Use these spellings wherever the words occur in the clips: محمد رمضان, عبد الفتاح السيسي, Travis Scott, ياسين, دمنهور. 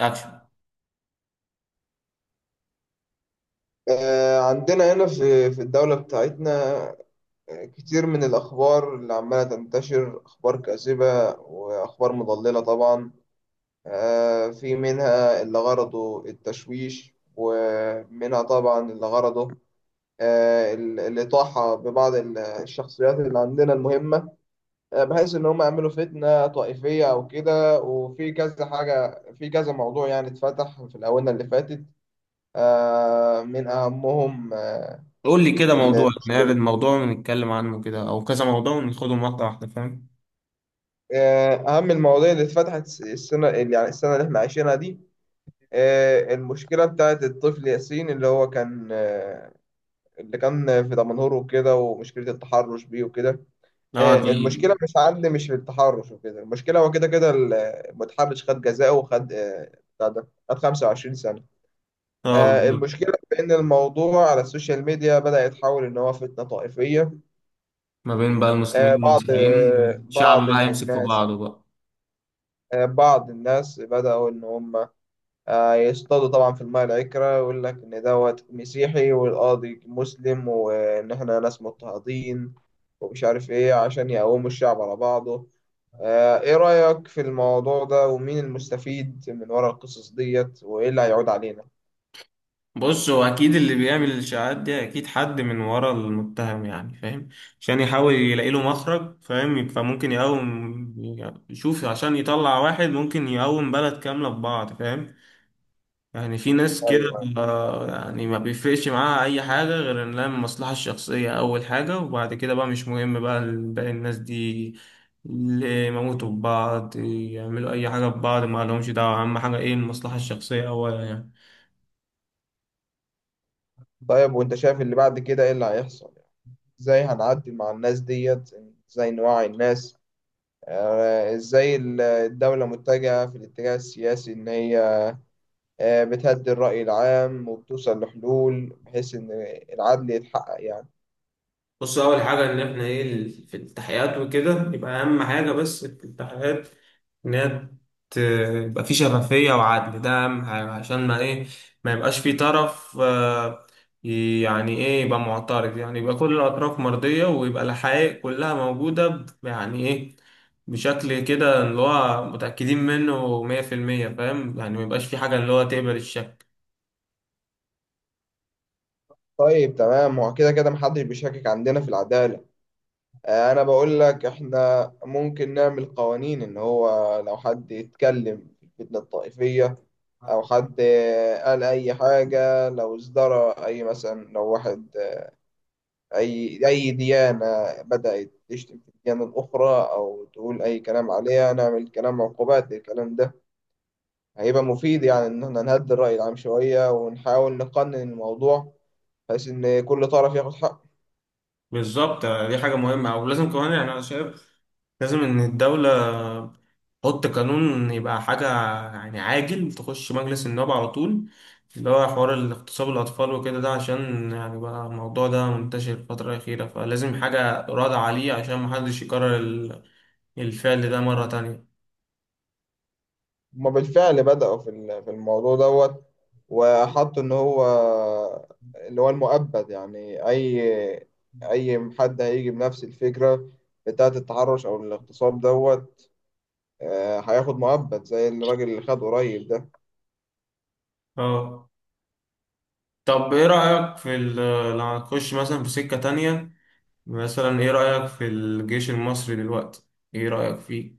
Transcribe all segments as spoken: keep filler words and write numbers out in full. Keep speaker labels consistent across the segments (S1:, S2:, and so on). S1: اكشن.
S2: آه، عندنا هنا في في الدولة بتاعتنا. آه، كتير من الأخبار اللي عمالة تنتشر أخبار كاذبة وأخبار مضللة طبعا. آه، في منها اللي غرضه التشويش، ومنها طبعا اللي غرضه آه، ال- الإطاحة ببعض ال- الشخصيات اللي عندنا المهمة، آه، بحيث إن هم يعملوا فتنة طائفية أو كده، وفي كذا حاجة في كذا موضوع يعني اتفتح في الآونة اللي فاتت. آه، من أهمهم،
S1: قول لي كده، موضوع، نعرض موضوع ونتكلم عنه كده او كذا موضوع وناخدهم واحده واحده، فاهم؟
S2: آه، أهم المواضيع اللي اتفتحت السنة اللي- يعني السنة اللي احنا عايشينها دي، آه، المشكلة بتاعت الطفل ياسين، اللي هو كان آه، اللي كان في دمنهور وكده، ومشكلة التحرش بيه وكده.
S1: اه
S2: آه،
S1: دي.
S2: المشكلة مش عند مش في التحرش وكده، المشكلة هو كده كده ال- المتحرش خد جزاءه، وخد آه، بتاع ده خد 25 سنة.
S1: اه
S2: آه،
S1: بالظبط.
S2: المشكلة في إن الموضوع على السوشيال ميديا بدأ يتحول إن هو فتنة طائفية.
S1: ما بين بقى المسلمين
S2: آه، بعض
S1: والمسيحيين،
S2: آه،
S1: والشعب
S2: بعض
S1: بقى
S2: من
S1: يمسك في
S2: الناس،
S1: بعضه بقى.
S2: آه، بعض الناس بدأوا إن هم آه، يصطادوا طبعا في الماء العكرة، ويقول لك إن دوت مسيحي والقاضي مسلم، وإن إحنا ناس مضطهدين ومش عارف إيه، عشان يقوموا الشعب على بعضه. آه، إيه رأيك في الموضوع ده، ومين المستفيد من ورا القصص ديت، وإيه اللي هيعود علينا؟
S1: بص، هو اكيد اللي بيعمل الاشاعات دي اكيد حد من ورا المتهم، يعني فاهم؟ عشان يحاول يلاقي له مخرج، فاهم؟ فممكن يقوم يشوف عشان يطلع واحد، ممكن يقوم بلد كامله في بعض، فاهم؟ يعني في ناس كده.
S2: أيوه.
S1: آه، يعني ما بيفرقش معاها اي حاجة غير ان لها المصلحة الشخصية اول حاجة، وبعد كده بقى مش مهم بقى باقي الناس دي، اللي يموتوا ببعض، يعملوا اي حاجة ببعض، ما لهمش دعوة، اهم حاجة ايه؟ المصلحة الشخصية اولا يعني.
S2: طيب، وأنت شايف اللي بعد كده إيه اللي هيحصل؟ يعني، إزاي هنعدي مع الناس ديت؟ إزاي نوعي الناس؟ آه، إزاي الدولة متجهة في الاتجاه السياسي، إن هي آه، بتهدي الرأي العام وبتوصل لحلول، بحيث إن العدل يتحقق يعني.
S1: بص، اول حاجه ان احنا ايه، ال- في التحقيقات وكده، يبقى اهم حاجه بس في التحقيقات ان هي ت- يبقى في شفافيه وعدل، ده اهم حاجه، عشان ما ايه، ما يبقاش في طرف آه، ي- يعني ايه، يبقى معترض، يعني يبقى كل الاطراف مرضيه، ويبقى الحقائق كلها موجوده ب- يعني ايه، بشكل كده اللي هو متاكدين منه مية في المية، فاهم؟ يعني ما يبقاش في حاجه اللي هو تقبل الشك.
S2: طيب، تمام. هو كده كده محدش بيشكك عندنا في العدالة. آه، أنا بقول لك إحنا ممكن نعمل قوانين، إن هو لو حد يتكلم في الفتنة الطائفية، أو حد آه، قال أي حاجة، لو ازدرى، أي مثلا لو واحد آه، أي أي ديانة بدأت تشتم في الديانة الأخرى أو تقول أي كلام عليها، نعمل كلام عقوبات للكلام ده. هيبقى مفيد، يعني إن إحنا نهدي الرأي العام شوية ونحاول نقنن الموضوع، بحيث إن كل طرف ياخد حقه.
S1: بالظبط، دي حاجة مهمة، ولازم كمان، يعني أنا شايف لازم إن الدولة حط قانون، يبقى حاجة يعني عاجل، تخش مجلس النواب على طول، اللي هو حوار الاغتصاب الأطفال وكده ده، عشان يعني بقى الموضوع ده منتشر الفترة الأخيرة، فلازم حاجة رادعة عليه عشان محدش يكرر ال- الفعل ده مرة تانية.
S2: هما بالفعل بدأوا في ال- في الموضوع دوت، وحطوا إن هو اللي هو المؤبد. يعني أي أي حد هيجي بنفس الفكرة بتاعة التحرش أو الاغتصاب دوت، آه، هياخد مؤبد زي الراجل اللي خد قريب ده.
S1: اه، طب ايه رأيك في ال- لو هنخش مثلا في سكة تانية، مثلا ايه رأيك في الجيش المصري دلوقتي؟ ايه رأيك فيه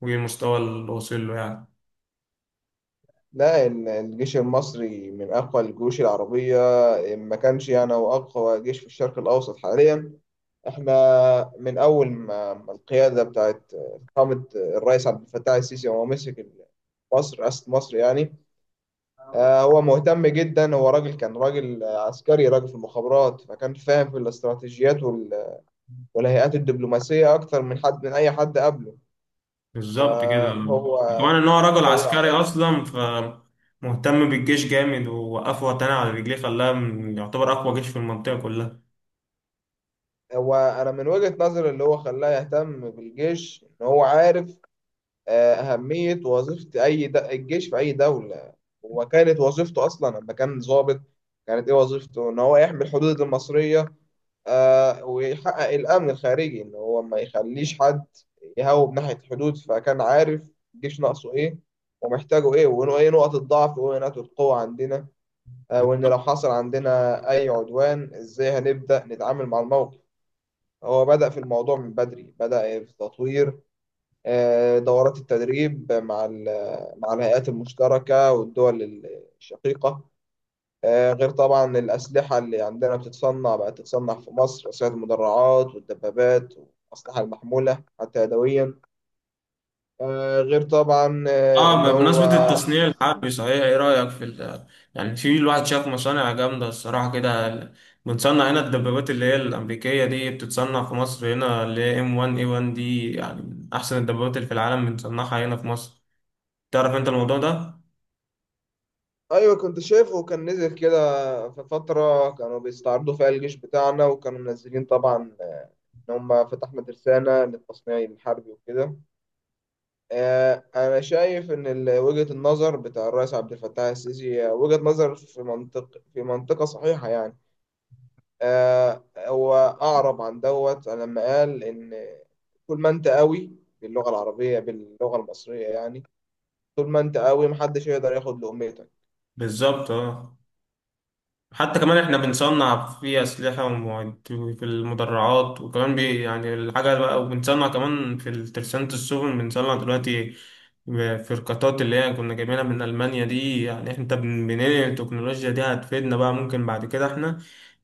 S1: وايه المستوى اللي واصل له
S2: لا، ال- الجيش المصري من أقوى الجيوش العربية، إن ما كانش يعني هو أقوى جيش في الشرق الأوسط حاليا. احنا من اول ما ما القياده بتاعت قامت، الرئيس عبد الفتاح السيسي وهو مسك مصر، رئاسه مصر يعني،
S1: يعني؟
S2: آه، هو مهتم جدا. هو راجل، كان راجل عسكري، راجل في المخابرات، فكان فاهم في الاستراتيجيات وال- والهيئات الدبلوماسيه، اكتر من حد من اي حد قبله.
S1: بالظبط كده.
S2: فهو
S1: كمان ان هو رجل
S2: هو
S1: عسكري
S2: عارف،
S1: اصلا، فمهتم بالجيش جامد، ووقفه وطني على رجليه خلاه من- يعتبر اقوى جيش في المنطقه كلها.
S2: هو انا من وجهه نظري اللي هو خلاه يهتم بالجيش، ان هو عارف آه، أهمية وظيفة أي د... الجيش في أي دولة. هو كانت وظيفته أصلا لما كان ضابط، كانت إيه وظيفته؟ إن هو يحمي الحدود المصرية، آه، ويحقق الأمن الخارجي، إن هو ما يخليش حد يهوب ناحية الحدود. فكان عارف الجيش ناقصه إيه ومحتاجه إيه، وإنه إيه نقط الضعف وإيه نقط القوة عندنا، آه، وإن لو حصل عندنا أي عدوان، إزاي هنبدأ نتعامل مع الموقف. هو بدأ في الموضوع من بدري، بدأ في تطوير آه، دورات التدريب مع ال- مع الهيئات المشتركة والدول الشقيقة، آه، غير طبعا الأسلحة اللي عندنا بتتصنع، بقت تتصنع في مصر أسلحة المدرعات والدبابات والأسلحة المحمولة حتى يدويا، آه، غير طبعا آه، إن
S1: اه
S2: هو.
S1: بمناسبه التصنيع الحربي صحيح، ايه رايك في ال- يعني في، الواحد شاف مصانع جامده الصراحه كده، ال- بنصنع هنا الدبابات اللي هي الامريكيه دي، بتتصنع في مصر هنا، اللي هي إم وان إيه وان دي، يعني من احسن الدبابات اللي في العالم بنصنعها هنا في مصر. تعرف انت الموضوع ده؟
S2: أيوة، كنت شايفه، كان نزل كده في فترة كانوا بيستعرضوا فيها الجيش بتاعنا، وكانوا منزلين طبعا آه، إن هم فتحنا ترسانة للتصنيع الحربي وكده. آه، أنا شايف إن ال- وجهة النظر بتاع الرئيس عبد الفتاح السيسي آه، وجهة نظر في منطق في منطقة صحيحة يعني. آه، هو أعرب عن دوت لما قال إن، طول ما أنت قوي، باللغة العربية، باللغة المصرية يعني، طول ما أنت قوي محدش يقدر ياخد لقمتك.
S1: بالظبط اه. حتى كمان احنا بنصنع في أسلحة ومعد- في المدرعات، وكمان بي يعني الحاجة بقى، وبنصنع كمان في ترسانة السفن، بنصنع دلوقتي فرقاطات اللي هي كنا جايبينها من ألمانيا دي، يعني انت بن- بننقل التكنولوجيا دي، هتفيدنا بقى، ممكن بعد كده احنا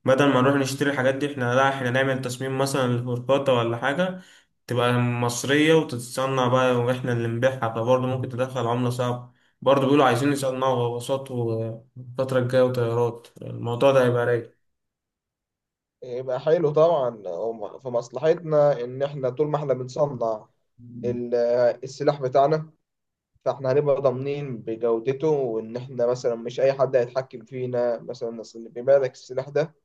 S1: بدل ما نروح نشتري الحاجات دي، احنا لا، احنا نعمل تصميم مثلا لفرقاطة ولا حاجة تبقى مصرية وتتصنع بقى، واحنا اللي نبيعها، فبرضه ممكن تدخل عملة صعبة. برضه بيقولوا عايزين يصنعوا غواصات الفترة الجاية وطيارات، الموضوع ده هيبقى رايق.
S2: يبقى حلو طبعا، هو في مصلحتنا إن إحنا طول ما إحنا بنصنع ال- السلاح بتاعنا، فاحنا هنبقى ضامنين بجودته، وان احنا مثلا مش اي حد هيتحكم فينا مثلا. اصل اللي بيبيع لك السلاح ده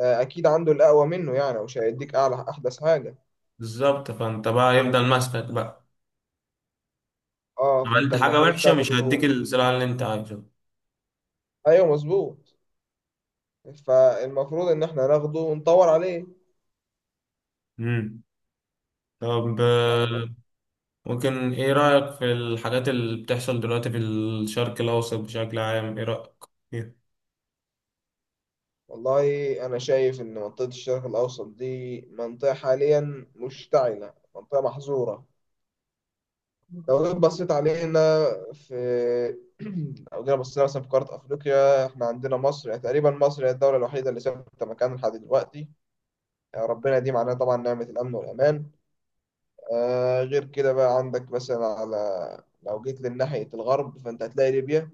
S2: آه، اكيد عنده الاقوى منه، يعني مش هيديك اعلى احدث حاجه.
S1: بالظبط، فانت بقى يفضل ماسكك بقى.
S2: اه، فانت
S1: عملت حاجة
S2: المفروض
S1: وحشة، مش
S2: تاخده.
S1: هديك الزراعة اللي انت عايزه.
S2: ايوه، مظبوط. فالمفروض ان احنا ناخده ونطور عليه.
S1: مم. طب آه،
S2: آه،
S1: ممكن ايه رأيك في الحاجات اللي بتحصل دلوقتي في الشرق الأوسط بشكل عام؟ ايه رأيك فيها؟
S2: والله، انا شايف ان منطقه الشرق الاوسط دي منطقه حاليا مشتعله، منطقه محظوره. لو جيت بصيت علينا في لو جينا بصينا مثلا في قارة أفريقيا، إحنا عندنا مصر. يعني تقريبا مصر هي الدولة الوحيدة اللي ثابتة مكانها لحد دلوقتي، يعني ربنا يديم علينا طبعا نعمة الأمن والأمان. آه غير كده بقى، عندك مثلا، على لو جيت لناحية الغرب فأنت هتلاقي ليبيا.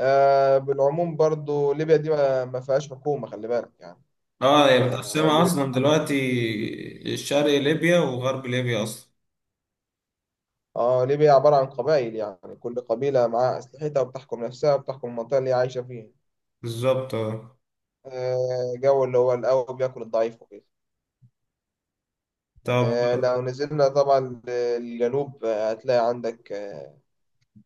S2: آه بالعموم برضو ليبيا دي ما ما فيهاش حكومة، خلي بالك يعني.
S1: اه هي
S2: آه
S1: متقسمة
S2: ليبيا،
S1: أصلا دلوقتي، الشرق ليبيا وغرب ليبيا أصلا.
S2: اه، ليبيا عبارة عن قبائل. يعني كل قبيلة معاها أسلحتها وبتحكم نفسها وبتحكم المنطقة اللي هي عايشة فيها،
S1: بالظبط اه.
S2: آه، جو اللي هو القوي بياكل الضعيف وكده.
S1: طب
S2: آه، لو نزلنا طبعا للجنوب، آه، هتلاقي عندك آه،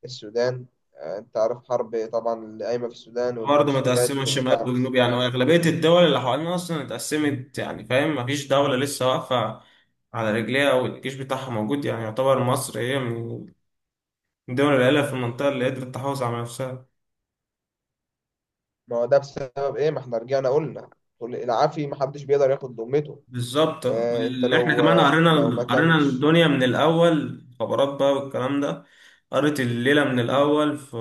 S2: السودان. آه، انت عارف، حرب طبعا اللي قايمة في السودان،
S1: برضه متقسمة
S2: والميليشيات
S1: شمال
S2: والدعم
S1: وجنوب يعني،
S2: السريع.
S1: وأغلبية الدول اللي حوالينا أصلا اتقسمت، يعني فاهم، مفيش دولة لسه واقفة على رجليها والجيش بتاعها موجود، يعني يعتبر مصر هي من الدول القليلة في المنطقة اللي قدرت تحافظ على نفسها.
S2: ما هو ده بسبب ايه؟ ما احنا رجعنا قلنا، كل- العافي ما حدش بيقدر ياخد ذمته.
S1: بالظبط،
S2: آه، انت
S1: اللي احنا
S2: لو
S1: كمان
S2: آه،
S1: قرينا،
S2: لو ما
S1: قرينا
S2: كانش
S1: الدنيا من الأول، خبرات بقى والكلام ده، قريت الليلة من الأول، ف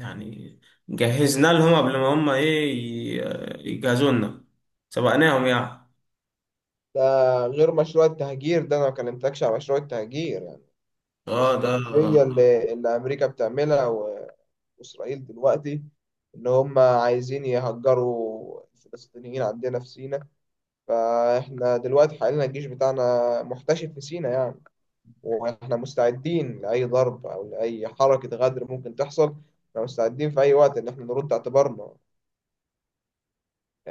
S1: يعني جهزنا لهم قبل ما هم إيه ي- يجهزوا لنا، سبقناهم يعني.
S2: ده، غير مشروع التهجير ده، انا ما كلمتكش على مشروع التهجير يعني،
S1: اه ده.
S2: الاستراتيجية اللي, اللي امريكا بتعملها، إسرائيل دلوقتي، إن هم عايزين يهجروا الفلسطينيين عندنا في سيناء. فإحنا دلوقتي حاليا الجيش بتاعنا محتشد في سيناء يعني، وإحنا مستعدين لأي ضرب أو لأي حركة غدر ممكن تحصل. إحنا مستعدين في أي وقت إن إحنا نرد اعتبارنا.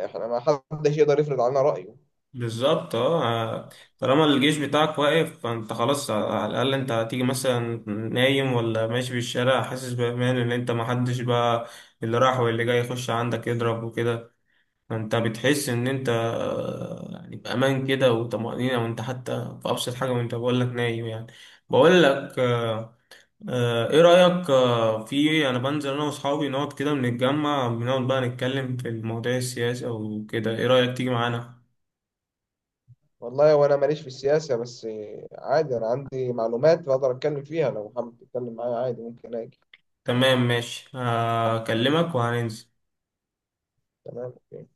S2: إحنا، ما حدش يقدر يفرض علينا رأيه.
S1: بالظبط اه. طالما الجيش بتاعك واقف، فانت خلاص، على الاقل انت هتيجي مثلا نايم ولا ماشي في الشارع حاسس بامان، ان انت محدش بقى اللي راح واللي جاي يخش عندك يضرب وكده، فانت بتحس ان انت آه، يعني بامان كده وطمأنينة، وانت حتى في ابسط حاجة، وانت بقول لك نايم يعني، بقول لك آه، ايه رأيك آه، في، انا بنزل انا واصحابي نقعد كده، بنتجمع بنقعد بقى نتكلم في المواضيع السياسية وكده، ايه رأيك تيجي معانا؟
S2: والله، وأنا ماليش في السياسة، بس عادي، أنا عندي معلومات بقدر أتكلم فيها، لو حابب تتكلم معايا عادي ممكن أجي.
S1: تمام ماشي، هكلمك وهننزل.
S2: تمام، أوكي.